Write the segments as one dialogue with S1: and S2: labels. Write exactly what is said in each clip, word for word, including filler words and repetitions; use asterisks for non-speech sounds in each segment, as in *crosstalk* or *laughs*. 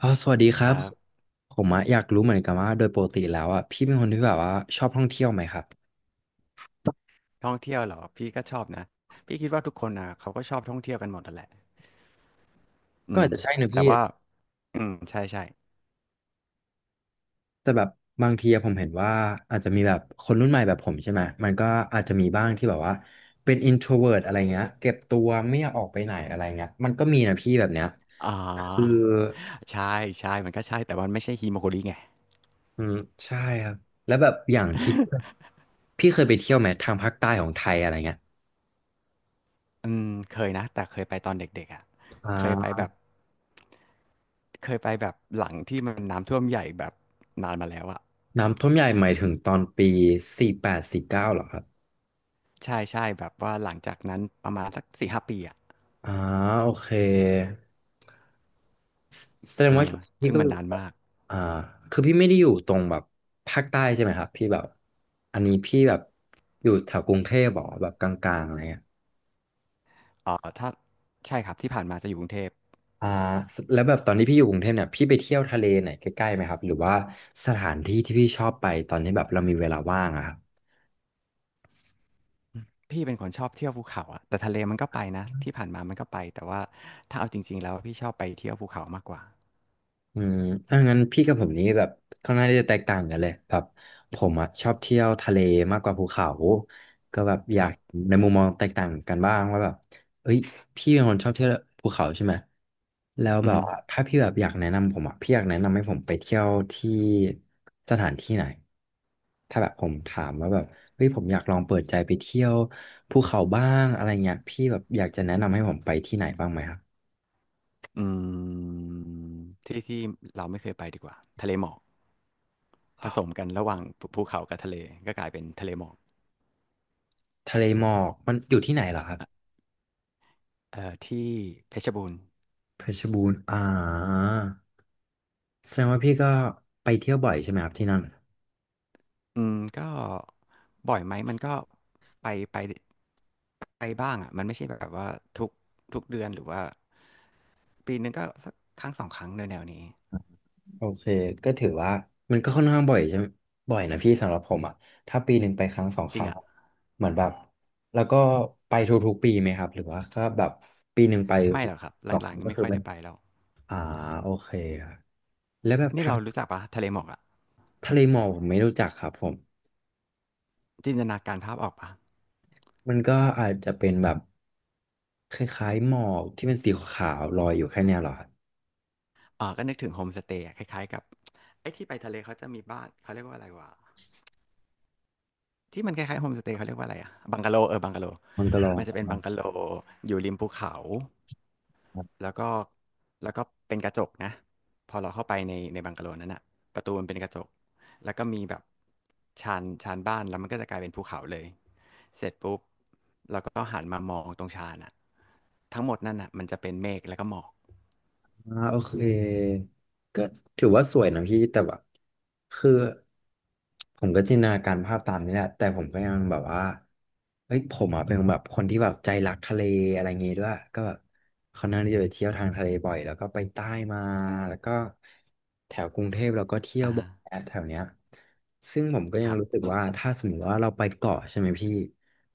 S1: อ๋อสวัสดีค
S2: ค
S1: รับ
S2: รับ
S1: ผมอะอยากรู้เหมือนกันว่าโดยปกติแล้วอะพี่เป็นคนที่แบบว่าชอบท่องเที่ยวไหมครับ
S2: ท่องเที่ยวเหรอพี่ก็ชอบนะพี่คิดว่าทุกคนนะเขาก็ชอบท่องเที่ยวกันหมดนั่นแหละอื
S1: ก็
S2: ม
S1: อาจจะใช่นะ
S2: แต่
S1: พี่
S2: ว่าอืมใช่ใช่
S1: แต่แบบบางทีอะผมเห็นว่าอาจจะมีแบบคนรุ่นใหม่แบบผมใช่ไหมมันก็อาจจะมีบ้างที่แบบว่าเป็น introvert อะไรเงี้ยเก็บตัวไม่อยากออกไปไหนอะไรเงี้ยมันก็มีนะพี่แบบเนี้ย
S2: อ่า
S1: คือ
S2: ใช่ใช่มันก็ใช่แต่มันไม่ใช่ฮิโมโกริไง
S1: อืมใช่ครับแล้วแบบอย่างที่พี่เคยไปเที่ยวไหมทางภาคใต้ของไทยอะไรเงี้ย
S2: *laughs* อืมเคยนะแต่เคยไปตอนเด็กๆอ่ะ
S1: อ่
S2: เคยไป
S1: า
S2: แบบเคยไปแบบหลังที่มันน้ำท่วมใหญ่แบบนานมาแล้วอ่ะ
S1: น้ำท่วมใหญ่หมายถึงตอนปีสี่แปดสี่เก้าหรอครับ
S2: ใช่ใช่แบบว่าหลังจากนั้นประมาณสักสี่ห้าปีอ่ะ
S1: อ่าโอเคแสด
S2: เอ
S1: ง
S2: อ
S1: ว่าช่วงนี้พี่
S2: ซึ่ง
S1: ก็
S2: มั
S1: อ
S2: น
S1: ยู่
S2: นาน
S1: แบบ
S2: มาก
S1: อ่าคือพี่ไม่ได้อยู่ตรงแบบภาคใต้ใช่ไหมครับพี่แบบอันนี้พี่แบบอยู่แถวกรุงเทพเหรอแบบกลางๆอะไรเงี้ย
S2: เออถ้าใช่ครับที่ผ่านมาจะอยู่กรุงเทพ
S1: อ่าแล้วแบบตอนที่พี่อยู่กรุงเทพเนี่ยพี่ไปเที่ยวทะเลไหนใกล้ๆไหมครับหรือว่าสถานที่ที่พี่ชอบไปตอนที่แบบเรามีเวลาว่างอะครับ
S2: พี่เป็นคนชอบเที่ยวภูเขาอะแต่ทะเลมันก็ไปนะที่ผ่านมามันก็ไปแต่ว่าถ้าเอาจริงๆแล้วพี่ชอบไปเที่ยวภูเขามากกว่า
S1: อืมถ้างั้นพี่กับผมนี้แบบค่อนข้างที่จะแตกต่างกันเลยแบบผมอ่ะชอบเที่ยวทะเลมากกว่าภูเขาก็แบบอ
S2: ค
S1: ยาก
S2: รับ
S1: ในมุมมองแตกต่างกันบ้างว่าแบบเอ้ยพี่เป็นคนชอบเที่ยวภูเขาใช่ไหมแล้ว
S2: อื
S1: แบ
S2: อ
S1: บ
S2: ฮึ
S1: ว่าถ้าพี่แบบอยากแนะนำผมอ่ะพี่อยากแนะนำให้ผมไปเที่ยวที่สถานที่ไหนถ้าแบบผมถามว่าแบบเฮ้ยผมอยากลองเปิดใจไปเที่ยวภูเขาบ้างอะไรเงี้ยพี่แบบอยากจะแนะนำให้ผมไปที่ไหนบ้างไหมครับ
S2: อืมที่ที่เราไม่เคยไปดีกว่าทะเลหมอกผสมกันระหว่างภูภูเขากับทะเลก็กลายเป็นทะเลหมอก
S1: ทะเลหมอกมันอยู่ที่ไหนเหรอครับ
S2: เอ่อที่เพชรบูรณ์
S1: เพชรบูรณ์อ่าแสดงว่าพี่ก็ไปเที่ยวบ่อยใช่ไหมครับที่นั่น
S2: อืมก็บ่อยไหมมันก็ไปไปไปบ้างอะมันไม่ใช่แบบว่าทุกทุกเดือนหรือว่าปีนึงก็สักครั้งสองครั้งในแนวๆนี้
S1: โอเคก็ถือว่ามันก็ค่อนข้างบ่อยใช่ไหมบ่อยนะพี่สำหรับผมอ่ะถ้าปีหนึ่งไปครั้งสองค
S2: จริง
S1: รั้ง
S2: อะ
S1: อะเหมือนแบบแล้วก็ไปทุกๆปีไหมครับหรือว่าก็แบบปีหนึ่งไป
S2: ไม่หรอกครับ
S1: สอง
S2: ห
S1: ค
S2: ลัง
S1: รั้ง
S2: ๆนี่
S1: ก็
S2: ไม่
S1: คือ
S2: ค่อย
S1: เป็น
S2: ได้ไปแล้ว
S1: อ่าโอเคครับแล้วแบบ
S2: นี่
S1: ทะ
S2: เรารู้จักปะทะเลหมอกอะ
S1: ทะเลหมอกผมไม่รู้จักครับผม
S2: จินตนาการภาพออกปะ
S1: มันก็อาจจะเป็นแบบคล้ายๆหมอกที่เป็นสีขาวๆลอยอยู่แค่เนี้ยเหรอครับ
S2: เอ๋อก็นึกถึงโฮมสเตย์อะคล้ายๆกับไอ้ที่ไปทะเลเขาจะมีบ้านเขาเรียกว่าอะไรวะที่มันคล้ายๆโฮมสเตย์เขาเรียกว่าอะไรอะบังกะโลเออบังกะโล
S1: มันก็ลอง
S2: มันจะเป็นบังกะโลอยู่ริมภูเขา
S1: *laughs*
S2: แล้วก็แล้วก็เป็นกระจกนะพอเราเข้าไปในในบังกะโลนั้นอะประตูมันเป็นกระจกแล้วก็มีแบบชานชานบ้านแล้วมันก็จะกลายเป็นภูเขาเลยเสร็จปุ๊บเราก็หันมามองตรงชานอะทั้งหมดนั่นอะมันจะเป็นเมฆแล้วก็หมอก
S1: อ่าโอเคก็ถือว่าสวยนะพี่แต่แบบคือผมก็จินตนาการภาพตามนี้แหละแต่ผมก็ยังแบบว่าเฮ้ยผมอ่ะเป็นแบบคนที่แบบใจรักทะเลอะไรเงี้ยด้วยก็แบบค่อนข้างที่จะไปเที่ยวทางทะเลบ่อยแล้วก็ไปใต้มาแล้วก็แถวกรุงเทพเราก็เที่ยว
S2: อ่า
S1: บ่อ
S2: ฮะ
S1: ยแถวเนี้ย ซึ่งผมก็
S2: ค
S1: ยัง
S2: รั
S1: รู้สึ
S2: บ
S1: กว่าถ้าสมมติว่าเราไปเกาะใช่ไหมพี่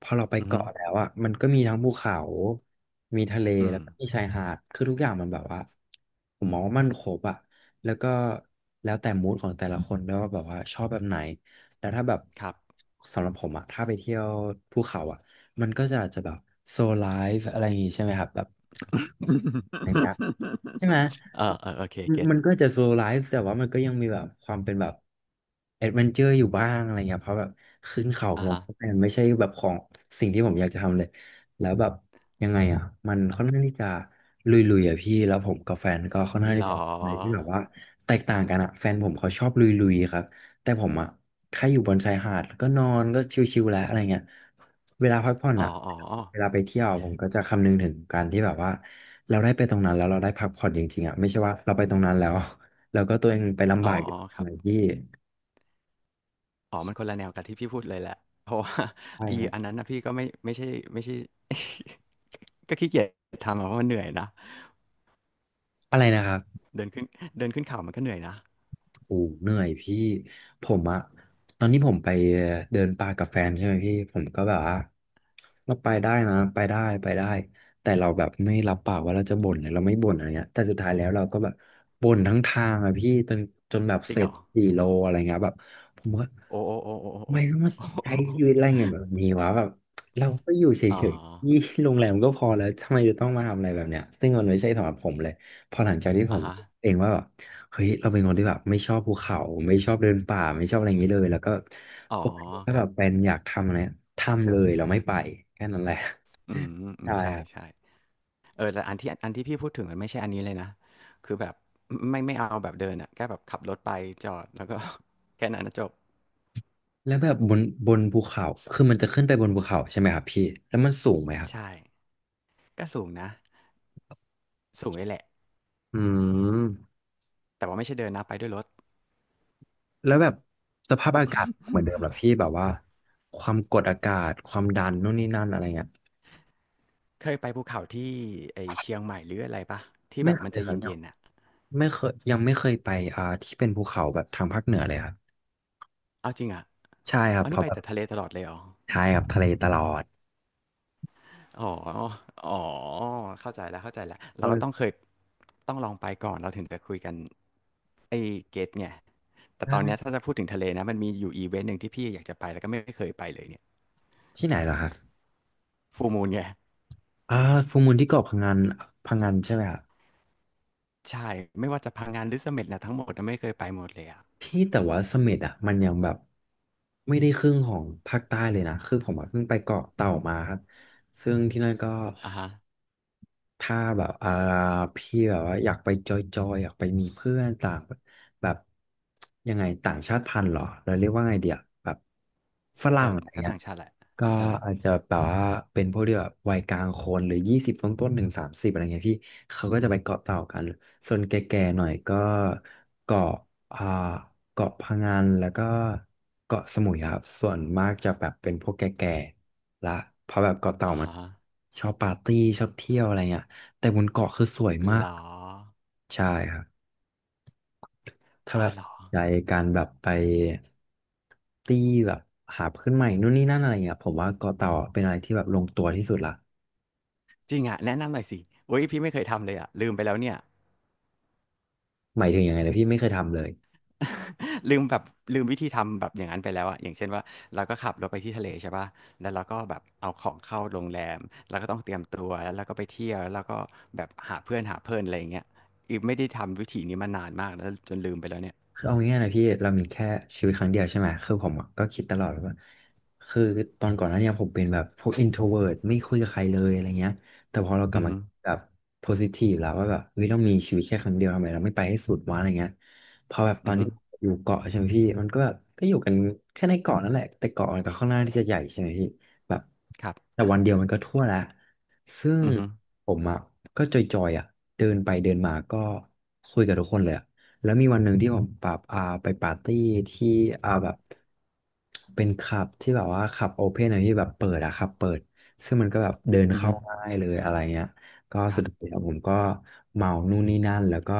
S1: พอเราไป
S2: อือฮึ
S1: เกาะแล้วอ่ะมันก็มีทั้งภูเขา มีทะเล
S2: อื
S1: แล้
S2: ม
S1: วก็มีชายหาดคือทุกอย่างมันแบบว่าผมมองว่ามันครบอ่ะแล้วก็แล้วแต่มูดของแต่ละคนด้วยว่าแบบว่าชอบแบบไหนแล้วถ้าแบบ
S2: ครับ
S1: สำหรับผมอ่ะถ้าไปเที่ยวภูเขาอ่ะ มันก็จะอาจจะแบบโซไลฟ์อะไรอย่างงี้ใช่ไหมครับแบบอย่างเงี้ยใช่ไหม
S2: *laughs* เออเออโอเค
S1: ม
S2: เก็ต
S1: มันก็จะโซไลฟ์แต่ว่ามันก็ยังมีแบบความเป็นแบบแอดเวนเจอร์อยู่บ้างอะไรเงี้ยเพราะแบบขึ้นเขา
S2: อ่า
S1: ลง
S2: ฮะ
S1: เขามันไม่ใช่แบบของสิ่งที่ผมอยากจะทำเลยแล้วแบบยังไงอ่ะมันค่อนข้างที่จะลุยๆอ่ะพี่แล้วผมกับแฟนก็ค่อนข้าง
S2: หร
S1: ที่
S2: อ
S1: จะเลยที่แบบว่าแตกต่างกันอ่ะแฟนผมเขาชอบลุยๆครับ แต่ผมอะแค่อยู่บนชายหาดแล้วก็นอนก็ชิลๆแล้วอะไรเงี้ยเวลาพักผ่อน
S2: อ๋อ
S1: อะ
S2: อ๋ออ๋อ
S1: เวลาไปเที่ยวผมก็จะคำนึงถึงการที่แบบว่าเราได้ไปตรงนั้นแล้วเราได้พักผ่อนจริงๆอะไม่ใช่ว่าเราไปตรงนั้นแล้ว *laughs* แล้วก็ตัวเองไปลำบากอยู่ตร
S2: ค
S1: ง
S2: รั
S1: ไหน
S2: บ
S1: ที่
S2: อ๋อมันคนละแนวกับที่พี่พูดเลยแหละเพราะว่า
S1: ใช่
S2: *laughs* อี
S1: ครับ
S2: อันนั้นนะพี่ก็ไม่ไม่ใช่ไม่ใช่ *laughs* ก็ขี้เกียจทำอะเพราะมันเหนื่อยนะ
S1: อะไรนะครับ
S2: เดินขึ้นเดินขึ้นเขามันก็เหนื่อยนะ
S1: โอ้เหนื่อยพี่ผมอะตอนนี้ผมไปเดินป่ากับแฟนใช่ไหมพี่ผมก็แบบว่าเราไปได้นะไปได้ไปได้แต่เราแบบไม่รับปากว่าเราจะบ่นหรือเราไม่บ่นอะไรเงี้ยแต่สุดท้ายแล้วเราก็แบบบ่นทั้งทางอะพี่จนจนแบบ
S2: จริ
S1: เส
S2: งเห
S1: ร็
S2: ร
S1: จ
S2: อ
S1: สี่โลอะไรเงี้ยแบบผมก็
S2: โอ้โอ้โอ้โอ้โ
S1: ไม่ต้องมา
S2: อ้โอ้
S1: ใช้ชีวิตอะไร
S2: โอ้
S1: เงี้ยแบบนี้วะแบบเราก็อยู่เฉ
S2: อ๋อ
S1: ยๆนี่โรงแรมก็พอแล้วทำไมจะต้องมาทำอะไรแบบเนี้ยซึ่งมันไม่ใช่สำหรับผมเลยพอหลังจากที่
S2: *laughs*
S1: ผ
S2: อ่ะ
S1: ม
S2: ฮะ
S1: เองว่าแบบ เฮ้ยเราเป็นคนที่แบบไม่ชอบภูเขาไม่ชอบเดินป่าไม่ชอบอะไรอย่างนี้เลยแล้วก็
S2: อ๋อ
S1: โอเคถ้า
S2: ค
S1: แบ
S2: รับ
S1: บเป็นอยากทำอะไรทำเลยเราไม่ไปแค่นั้นแหละ
S2: อืม
S1: *laughs*
S2: อื
S1: ใช่
S2: มใช่
S1: ครับ
S2: ใช่เออแต่อันที่อันที่พี่พูดถึงมันไม่ใช่อันนี้เลยนะคือแบบไม่ไม่เอาแบบเดินอ่ะแค่แบบขับรถไปจอดแล้วก็ *laughs* แค่นั้นนะจบ
S1: แล้วแบบบนบนภูเขาคือมันจะขึ้นไปบนภูเขาใช่ไหมครับพี่แล้วมันสูงไหมครับ
S2: ใช่ก็สูงนะสูงเลยแหละ
S1: อืม
S2: แต่ว่าไม่ใช่เดินนะไปด้วยรถ
S1: แล้วแบบสภาพอากาศเหมือนเดิมเหรอพี่แบบว่าความกดอากาศความดันนู่นนี่นั่นอะไรเงี้ย
S2: เคยไปภูเขาที่ไอเชียงใหม่หรืออะไรปะที่แบ
S1: ไม่
S2: บ
S1: เค
S2: มัน
S1: ย
S2: จะ
S1: ครับเนี่ย
S2: เย็นๆอ่ะ
S1: ไม่เคยยังไม่เคยไปอ่าที่เป็นภูเขาแบบทางภาคเหนือเลยครับ
S2: เอาจริงอ่ะ
S1: ใช่ครับ
S2: เอา
S1: เพ
S2: นี่
S1: ราะ
S2: ไป
S1: แบบ
S2: แต่ทะเลตลอดเลยเหรอ
S1: ใช่ครับทะเลตลอด
S2: อ๋ออ๋อเข้าใจแล้วเข้าใจแล้วเราก็ต้อง
S1: เออ
S2: เคยต้องลองไปก่อนเราถึงจะคุยกันไอเกตไงแต่ตอนเนี้ย
S1: ใช่
S2: ถ้าจะพูดถึงทะเลนะมันมีอยู่อีเวนต์หนึ่งที่พี่อยากจะไปแล้วก็ไม่เคยไปเลยเนี่ย
S1: ที่ไหนเหรอครับ
S2: ฟูมูนไง
S1: อ่าฟูลมูลที่เกาะพังงนพังงนใช่ไหมครับ
S2: ใช่ไม่ว่าจะพังงานหรือเสม็ดนะทั้งหมดนะไม่เคยไปหมดเลยอ่ะ
S1: พี่แต่ว่าเสม็ดอ่ะมันยังแบบไม่ได้ครึ่งของภาคใต้เลยนะคือผมอะเพิ่งไปเกาะเต่ามาครับซึ่งที่นั่นก็
S2: อ่ะฮะ
S1: ถ้าแบบอ่าพี่แบบว่าอยากไปจอยๆอยากไปมีเพื่อนต่างแบบยังไงต่างชาติพันธุ์เหรอเราเรียกว่าไงเดียแบบฝ
S2: เอ
S1: รั่
S2: อ
S1: งอะไร
S2: ก็
S1: เงี้ย
S2: ต่างชาติแหละ
S1: ก็
S2: เออ
S1: อาจจะแบบว่าเป็นพวกที่แบบวัยกลางคนหรือยี่สิบต้นๆหนึ่งสามสิบอะไรเงี้ยพี่เขาก็จะไปเกาะเต่ากันส่วนแก่ๆหน่อยก็เกาะอ่าเกาะพะงันแล้วก็เกาะสมุยครับส่วนมากจะแบบเป็นพวกแก่ๆละเพราะแบบเกาะเต่า
S2: อ๋อ
S1: มัน
S2: ฮะ
S1: ชอบปาร์ตี้ชอบเที่ยวอะไรเงี้ยแต่บนเกาะคือสวยมา
S2: หรอ
S1: กใช่ครับ ถ้า
S2: อ๋
S1: แบ
S2: อ
S1: บ
S2: หรอ
S1: ใจการแบบไปตีแบบหาเพื่อนใหม่นู่นนี่นั่นอะไรเงี้ยผมว่าเกาะเต่าเป็นอะไรที่แบบลงตัวที่สุดละ
S2: จริงอ่ะแนะนำหน่อยสิโอ้ยพี่ไม่เคยทำเลยอ่ะลืมไปแล้วเนี่ย
S1: หมายถึงยังไงนะพี่ไม่เคยทำเลย
S2: *laughs* ลืมแบบลืมวิธีทำแบบอย่างนั้นไปแล้วอ่ะอย่างเช่นว่าเราก็ขับรถไปที่ทะเลใช่ป่ะแล้วเราก็แบบเอาของเข้าโรงแรมแล้วก็ต้องเตรียมตัวแล้วเราก็ไปเที่ยวแล้วเราก็แบบหาเพื่อนหาเพื่อนอะไรอย่างเงี้ยอีไม่ได้ทำวิธีนี้มานานมากแล้วจนลืมไปแล้วเนี่ย
S1: คือเอาง่ายๆนะพี่เรามีแค่ชีวิตครั้งเดียวใช่ไหมคือผมอะก็คิดตลอดว่าคือตอนก่อนหน้าเนี้ผมเป็นแบบพวก อินโทรเวิร์ท ไม่คุยกับใครเลยอะไรเงี้ยแต่พอเรากลั
S2: อื
S1: บ
S2: อ
S1: มา
S2: ฮึ
S1: แบบ โพสิทีฟ แล้วว่าแบบเฮ้ยเรามีชีวิตแค่ครั้งเดียวทำไมเราไม่ไปให้สุดวะอะไรเงี้ยพอแบบตอ
S2: อือ
S1: น
S2: ฮึ
S1: ที่อยู่เกาะใช่ไหมพี่มันก็แบบก็อยู่กันแค่ในเกาะนั่นแหละแต่เกาะมันก็ค่อนข้างที่จะใหญ่ใช่ไหมพี่แบบ
S2: ครับ
S1: แต่วันเดียวมันก็ทั่วละซึ่ง
S2: อือฮึ
S1: ผมอ่ะก็จอยๆอ่ะเดินไปเดินมาก็คุยกับทุกคนเลยอะ แล้วมีวันหนึ่งที่ผมแบบอ่าไปปาร์ตี้ที่อ่าแบบเป็นคลับที่แบบว่าคลับโอเพนอะที่แบบเปิดอะคลับเปิดซึ่งมันก็แบบเดิน
S2: อือ
S1: เข้า
S2: ฮึ
S1: ง่ายเลยอะไรเงี้ยก็
S2: ค
S1: สุ
S2: รั
S1: ด
S2: บ
S1: ท้ายแล้วผมก็เมานู่นนี่นั่นแล้วก็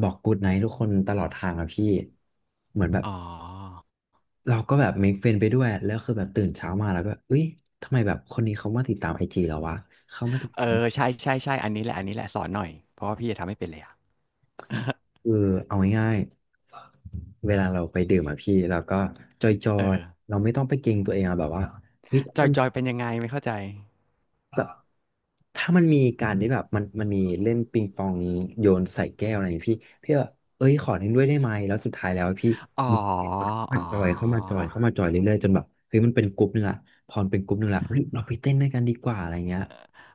S1: บอกกูดไนท์ทุกคนตลอดทางอะพี่เหมือนแบบ
S2: อ๋อ
S1: เราก็แบบเมคเฟนไปด้วยแล้วคือแบบตื่นเช้ามาแล้วก็เอ้ยทำไมแบบคนนี้เขามาติดตามไอ จีเราวะเขามาติด
S2: เออใช่ใช่ใช่อันนี้แหละอันนี้แหละสอนหน่อยเพราะว่าพี่จะทำไม่เป็นเลยอ่ะ *laughs*
S1: เออเอาง่ายๆ เวลาเราไปดื่มอะพี่เราก็จอ
S2: เออ
S1: ยๆเราไม่ต้องไปเกรงตัวเองอะแบบว่าเฮ้ย
S2: จอ
S1: มั
S2: ย
S1: น
S2: จอยเป็นยังไงไม่เข้าใจ
S1: แบบถ้ามันมีการที่แบบมันมันมีเล่นปิงปองโยนใส่แก้วอะไรอย่างเงี้ยพี่พี่แบบเอ้ยขอเล่นด้วยได้ไหมแล้วสุดท้ายแล้วพี่
S2: อ๋ออ๋
S1: มา
S2: อ
S1: จอยเข้ามาจอยเข้ามาจอยเรื่อยๆจนแบบเฮ้ยมันเป็นกลุ่มนึงละพอมันเป็นกลุ่มนึงละเฮ้ยเราไปเต้นด้วยกันดีกว่าอะไรเงี้ย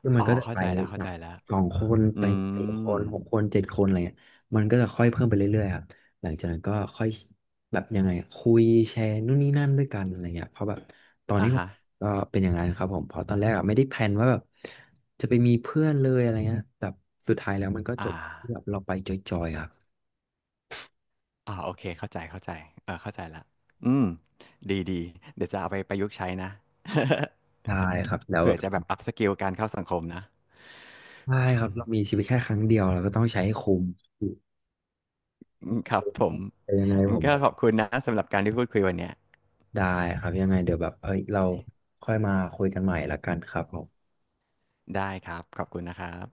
S1: ซึ่งมั
S2: อ๋
S1: น
S2: อ
S1: ก็จะ
S2: เข้า
S1: ไป
S2: ใจแล้ว
S1: แบ
S2: เข้าใจ
S1: บ
S2: แล้ว
S1: สองคน
S2: อื
S1: ไปสี่ค
S2: ม
S1: นหกคนเจ็ดคนอะไรเงี้ยมันก็จะค่อยเพิ่มไปเรื่อยๆครับหลังจากนั้นก็ค่อยแบบยังไงอะคุยแชร์นู่นนี่นั่นด้วยกันอะไรเงี้ยเพราะแบบตอน
S2: อ่า
S1: นี้ผม
S2: ฮะ
S1: ก็เป็นอย่างนั้นครับผมเพราะตอนแรกอะไม่ได้แพลนว่าแบบจะไปมีเพื่อนเลยอะไรเงี้ยแต่สุดท้ายแล้วมันก็จ
S2: อ่า
S1: บที่แบบเราไปจอยๆครับ
S2: อ่าโอเคเข้าใจเข้าใจเออเข้าใจละอืมดีดีเดี๋ยวจะเอาไปประยุกต์ใช้นะ
S1: ได้ครับแล้
S2: *laughs*
S1: ว
S2: เผื่
S1: แบ
S2: อจะแบบ
S1: บ
S2: อัพสกิลการเข้าสังคมนะ
S1: ใช่ครับ
S2: อืม
S1: เรามีชีวิตแค่ครั้งเดียวเราก็ต้องใช้ให้คุ้ม
S2: อืมครับผม
S1: แต่ยังไง
S2: งั้
S1: ผ
S2: น
S1: ม
S2: ก็
S1: แบบ
S2: ขอบคุณนะสำหรับการที่พูดคุยวันเนี้ย
S1: ได้ครับยังไงเดี๋ยวแบบเอ้ยเราค่อยมาคุยกันใหม่ละกันครับผม
S2: ได้ครับขอบคุณนะครับ